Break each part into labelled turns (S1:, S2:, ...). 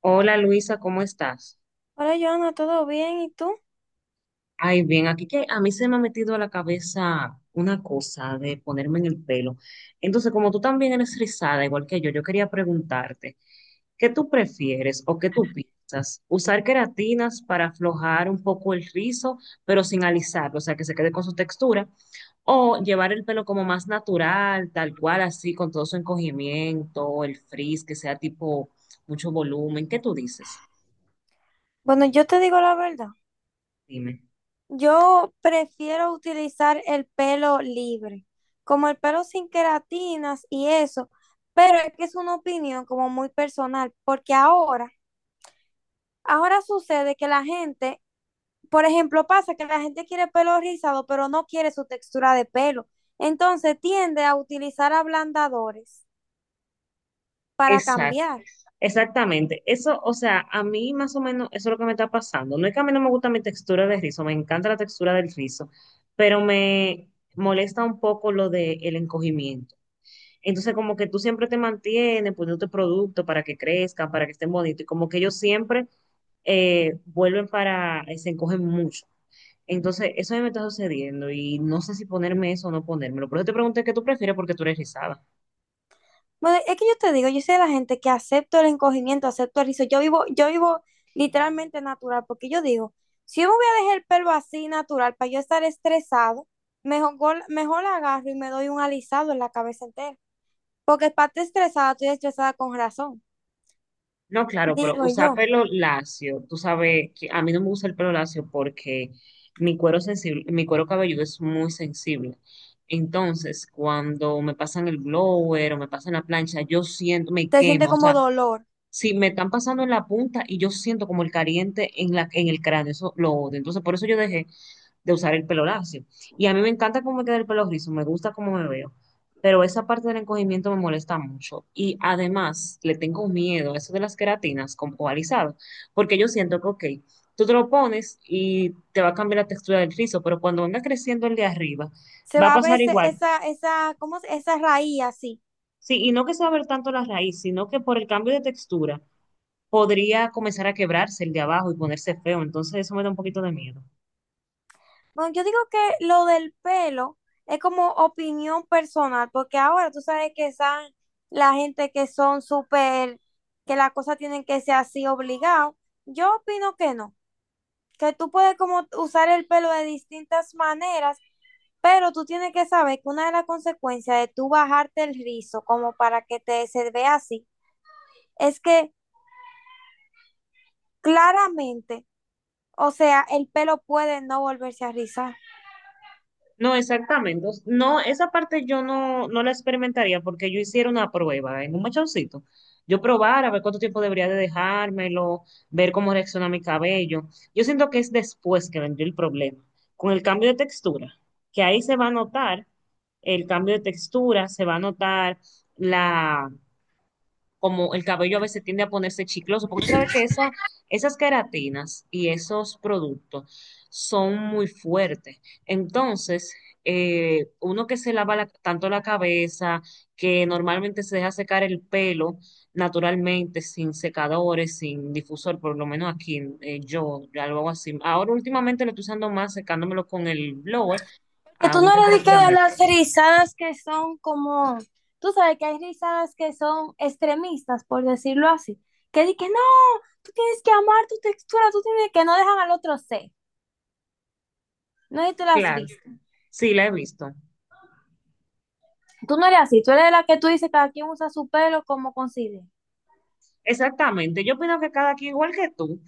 S1: Hola Luisa, ¿cómo estás?
S2: Hola, Joana, ¿todo bien? ¿Y tú?
S1: Ay, bien, aquí que a mí se me ha metido a la cabeza una cosa de ponerme en el pelo. Entonces, como tú también eres rizada, igual que yo, quería preguntarte, ¿qué tú prefieres o qué tú piensas? ¿Usar queratinas para aflojar un poco el rizo, pero sin alisarlo, o sea, que se quede con su textura? ¿O llevar el pelo como más natural, tal cual, así, con todo su encogimiento, el frizz, que sea tipo mucho volumen? ¿Qué tú dices?
S2: Bueno, yo te digo la verdad.
S1: Dime.
S2: Yo prefiero utilizar el pelo libre, como el pelo sin queratinas y eso, pero es que es una opinión como muy personal, porque ahora, ahora sucede que la gente, por ejemplo, pasa que la gente quiere pelo rizado, pero no quiere su textura de pelo. Entonces tiende a utilizar ablandadores para cambiar.
S1: Exactamente, eso, o sea, a mí más o menos eso es lo que me está pasando. No es que a mí no me gusta mi textura de rizo, me encanta la textura del rizo, pero me molesta un poco lo del encogimiento. Entonces, como que tú siempre te mantienes poniendo producto para que crezcan, para que estén bonitos, y como que ellos siempre vuelven para, se encogen mucho. Entonces, eso a mí me está sucediendo y no sé si ponerme eso o no ponérmelo. Por eso te pregunté qué tú prefieres porque tú eres rizada.
S2: Bueno, es que yo te digo, yo soy de la gente que acepto el encogimiento, acepto el rizo. Yo vivo literalmente natural, porque yo digo, si yo me voy a dejar el pelo así natural para yo estar estresado, mejor, mejor la agarro y me doy un alisado en la cabeza entera. Porque para estar estresada, estoy estresada con razón.
S1: No, claro, pero
S2: Digo
S1: usar
S2: yo,
S1: pelo lacio, tú sabes que a mí no me gusta el pelo lacio porque mi cuero sensible, mi cuero cabelludo es muy sensible. Entonces, cuando me pasan el blower o me pasan la plancha, yo siento, me
S2: te siente
S1: quema. O
S2: como
S1: sea,
S2: dolor.
S1: si me están pasando en la punta y yo siento como el caliente en el cráneo, eso lo odio. Entonces, por eso yo dejé de usar el pelo lacio. Y a mí me encanta cómo me queda el pelo rizo, me gusta cómo me veo, pero esa parte del encogimiento me molesta mucho. Y además le tengo miedo a eso de las queratinas con polarizado, porque yo siento que, ok, tú te lo pones y te va a cambiar la textura del rizo, pero cuando venga creciendo el de arriba,
S2: Se
S1: va a
S2: va a ver
S1: pasar
S2: ese-
S1: igual.
S2: esa, ¿cómo? Se- Esa raíz así.
S1: Sí, y no que se va a ver tanto la raíz, sino que por el cambio de textura podría comenzar a quebrarse el de abajo y ponerse feo. Entonces eso me da un poquito de miedo.
S2: Bueno, yo digo que lo del pelo es como opinión personal, porque ahora tú sabes que están la gente que son súper, que las cosas tienen que ser así obligado. Yo opino que no, que tú puedes como usar el pelo de distintas maneras, pero tú tienes que saber que una de las consecuencias de tú bajarte el rizo como para que te se vea así, es que claramente, o sea, el pelo puede no volverse a rizar.
S1: No, exactamente. No, esa parte yo no la experimentaría porque yo hiciera una prueba en un machoncito. Yo probar a ver cuánto tiempo debería de dejármelo, ver cómo reacciona mi cabello. Yo siento que es después que vendría el problema, con el cambio de textura, que ahí se va a notar el cambio de textura, se va a notar como el cabello a veces tiende a ponerse chicloso, porque tú sabes que esas queratinas y esos productos son muy fuertes. Entonces, uno que se lava tanto la cabeza, que normalmente se deja secar el pelo naturalmente, sin secadores, sin difusor, por lo menos aquí, yo lo hago así. Ahora últimamente lo estoy usando más secándomelo con el blower
S2: Que
S1: a
S2: tú
S1: una
S2: no eres de
S1: temperatura
S2: que de
S1: media.
S2: las rizadas que son como, tú sabes que hay rizadas que son extremistas, por decirlo así, que di que no, tú tienes que amar tu textura, tú tienes que no dejan al otro ser. No sé si tú las has
S1: Claro,
S2: visto.
S1: sí, la he visto.
S2: Tú no eres así, tú eres la que tú dices, cada quien usa su pelo como considere.
S1: Exactamente, yo opino que cada quien, igual que tú,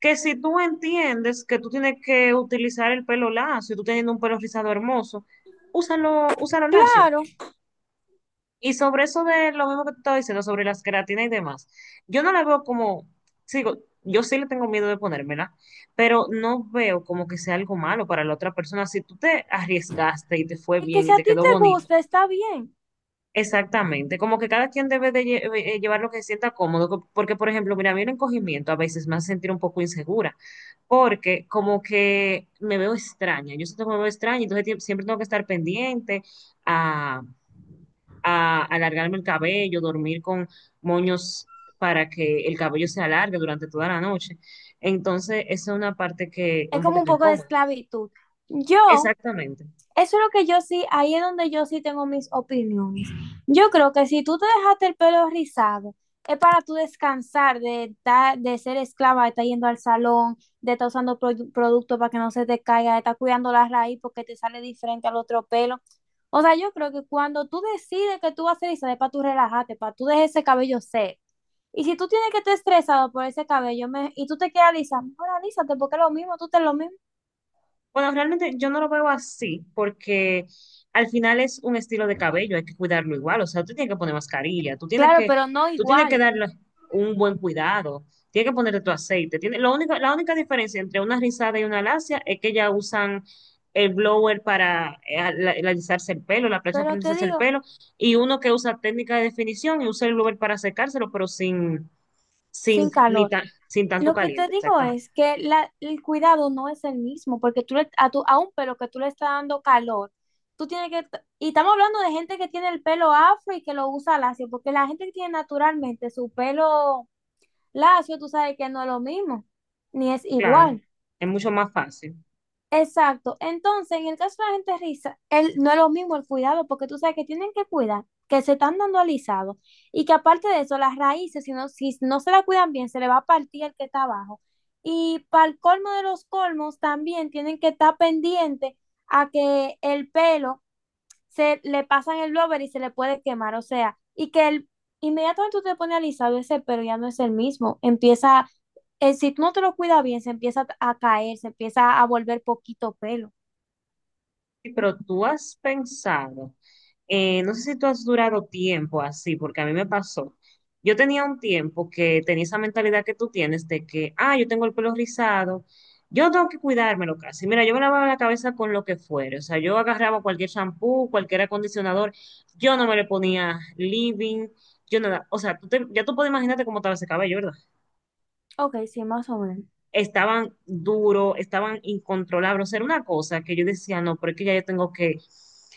S1: que si tú entiendes que tú tienes que utilizar el pelo lacio, y tú teniendo un pelo rizado hermoso, úsalo, úsalo lacio.
S2: Claro,
S1: Y sobre eso de lo mismo que te estaba diciendo, sobre las queratinas y demás, yo no la veo como, sigo, yo sí le tengo miedo de ponérmela, pero no veo como que sea algo malo para la otra persona. Si tú te arriesgaste y te fue
S2: es que
S1: bien
S2: si
S1: y
S2: a
S1: te
S2: ti
S1: quedó
S2: te
S1: bonito.
S2: gusta, está bien.
S1: Exactamente, como que cada quien debe de llevar lo que se sienta cómodo, porque por ejemplo, mira, a mí el encogimiento a veces me hace sentir un poco insegura, porque como que me veo extraña, yo siento que me veo extraña, entonces siempre tengo que estar pendiente a, a, alargarme el cabello, dormir con moños para que el cabello se alargue durante toda la noche. Entonces, esa es una parte que es
S2: Es
S1: un
S2: como un
S1: poquito
S2: poco de
S1: incómoda.
S2: esclavitud. Yo.
S1: Exactamente.
S2: Eso es lo que yo sí, ahí es donde yo sí tengo mis opiniones. Yo creo que si tú te dejaste el pelo rizado, es para tú descansar de, de ser esclava, de estar yendo al salón, de estar usando productos para que no se te caiga, de estar cuidando la raíz porque te sale diferente al otro pelo. O sea, yo creo que cuando tú decides que tú vas a hacer rizado, es para tú relajarte, para tú dejar ese cabello seco. Y si tú tienes que estar estresado por ese cabello y tú te quieres alisar, mejor alísate porque es lo mismo, tú te lo mismo.
S1: Bueno, realmente yo no lo veo así, porque al final es un estilo de cabello, hay que cuidarlo igual. O sea, tú tienes que poner mascarilla,
S2: Claro, pero no
S1: tú tienes que
S2: igual.
S1: darle un buen cuidado, tienes que ponerle tu aceite. La única diferencia entre una rizada y una lacia es que ya usan el blower para alisarse el pelo, la plancha para
S2: Pero te
S1: alisarse el
S2: digo,
S1: pelo, y uno que usa técnica de definición y usa el blower para secárselo, pero
S2: sin calor.
S1: sin tanto
S2: Lo que te
S1: caliente,
S2: digo
S1: exactamente.
S2: es que el cuidado no es el mismo, porque a, tu, a un pelo que tú le estás dando calor, tú tienes que, y estamos hablando de gente que tiene el pelo afro y que lo usa lacio, porque la gente que tiene naturalmente su pelo lacio, tú sabes que no es lo mismo, ni es
S1: Claro,
S2: igual.
S1: es mucho más fácil.
S2: Exacto. Entonces, en el caso de la gente riza, el, no es lo mismo el cuidado, porque tú sabes que tienen que cuidar, que se están dando alisados y que aparte de eso, las raíces, si no, si no se la cuidan bien, se le va a partir el que está abajo. Y para el colmo de los colmos, también tienen que estar pendientes a que el pelo se le pasan el blower y se le puede quemar. O sea, y que el, inmediatamente tú te pones alisado, ese pelo ya no es el mismo. Empieza si tú no te lo cuidas bien, se empieza a caer, se empieza a volver poquito pelo.
S1: Sí, pero tú has pensado, no sé si tú has durado tiempo así, porque a mí me pasó. Yo tenía un tiempo que tenía esa mentalidad que tú tienes de que, ah, yo tengo el pelo rizado, yo tengo que cuidármelo casi. Mira, yo me lavaba la cabeza con lo que fuera, o sea, yo agarraba cualquier shampoo, cualquier acondicionador, yo no me le ponía living, yo nada, o sea, ya tú puedes imaginarte cómo estaba ese cabello, ¿verdad?
S2: Ok, sí, más o menos.
S1: Estaban duros, estaban incontrolables. O sea, era una cosa que yo decía, no, pero es que ya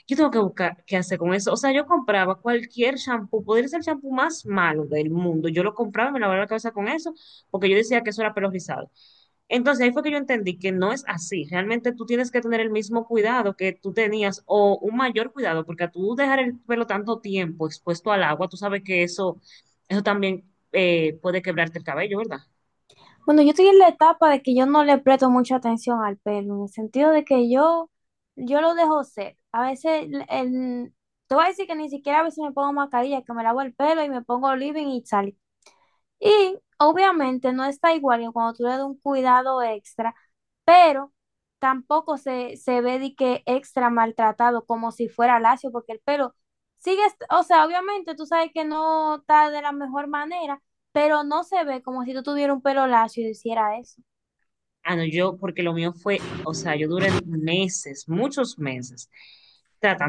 S1: yo tengo que buscar qué hacer con eso. O sea, yo compraba cualquier shampoo, podría ser el shampoo más malo del mundo. Yo lo compraba y me lavaba la cabeza con eso, porque yo decía que eso era pelo rizado. Entonces ahí fue que yo entendí que no es así. Realmente tú tienes que tener el mismo cuidado que tú tenías o un mayor cuidado, porque a tú dejar el pelo tanto tiempo expuesto al agua, tú sabes que eso también puede quebrarte el cabello, ¿verdad?
S2: Bueno, yo estoy en la etapa de que yo no le presto mucha atención al pelo, en el sentido de que yo lo dejo ser. A veces, te voy a decir que ni siquiera a veces me pongo mascarilla, que me lavo el pelo y me pongo living y sal. Y obviamente no está igual que cuando tú le das un cuidado extra, pero tampoco se, se ve de que extra maltratado como si fuera lacio, porque el pelo o sea, obviamente tú sabes que no está de la mejor manera, pero no se ve como si tú tuvieras un pelo lacio y hiciera eso.
S1: Ah, no, porque lo mío fue, o sea, yo duré meses, muchos meses,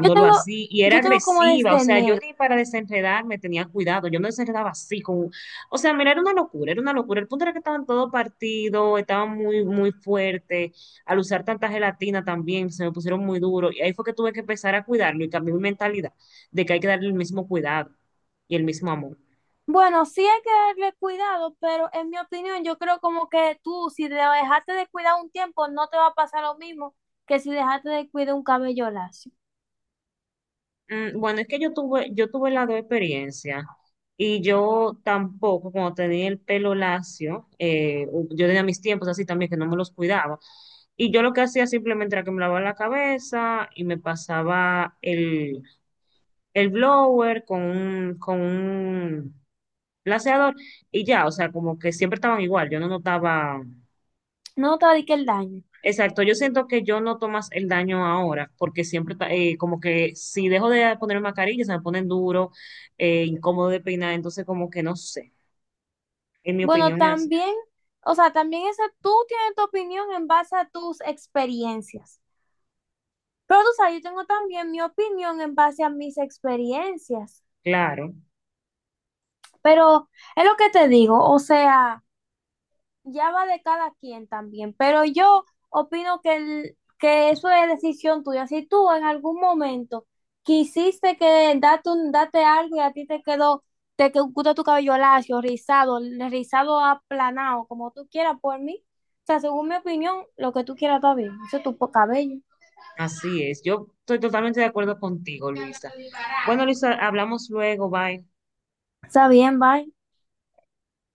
S2: Yo tengo,
S1: así, y era
S2: yo tengo como
S1: agresiva, o
S2: desde
S1: sea, yo
S2: enero.
S1: ni para desenredarme tenía cuidado, yo me desenredaba así, o sea, mira, era una locura, el punto era que estaban todo partido, estaban muy, muy fuerte, al usar tanta gelatina también, se me pusieron muy duro, y ahí fue que tuve que empezar a cuidarlo y cambié mi mentalidad de que hay que darle el mismo cuidado y el mismo amor.
S2: Bueno, sí hay que darle cuidado, pero en mi opinión, yo creo como que tú, si te dejaste de cuidar un tiempo, no te va a pasar lo mismo que si dejaste de cuidar un cabello lacio.
S1: Bueno, es que yo tuve las dos experiencias y yo tampoco, cuando tenía el pelo lacio, yo tenía mis tiempos así también que no me los cuidaba. Y yo lo que hacía simplemente era que me lavaba la cabeza y me pasaba el blower con con un laseador y ya, o sea, como que siempre estaban igual, yo no notaba.
S2: No te va a dedicar el daño.
S1: Exacto, yo siento que yo noto más el daño ahora, porque siempre, como que si dejo de ponerme mascarilla, se me ponen duro, incómodo de peinar, entonces como que no sé, en mi
S2: Bueno,
S1: opinión es así.
S2: también, o sea, también esa tú tienes tu opinión en base a tus experiencias. Pero tú sabes, yo tengo también mi opinión en base a mis experiencias.
S1: Claro,
S2: Pero es lo que te digo, o sea, ya va de cada quien también, pero yo opino que, que eso es decisión tuya. Si tú en algún momento quisiste que date, un, date algo y a ti te quedó, gusta tu cabello lacio, rizado, rizado aplanado, como tú quieras por mí, o sea, según mi opinión, lo que tú quieras está bien, eso es tu cabello.
S1: así es. Yo estoy totalmente de acuerdo contigo, Luisa. Bueno, Luisa, hablamos luego, bye.
S2: Está bien, bye.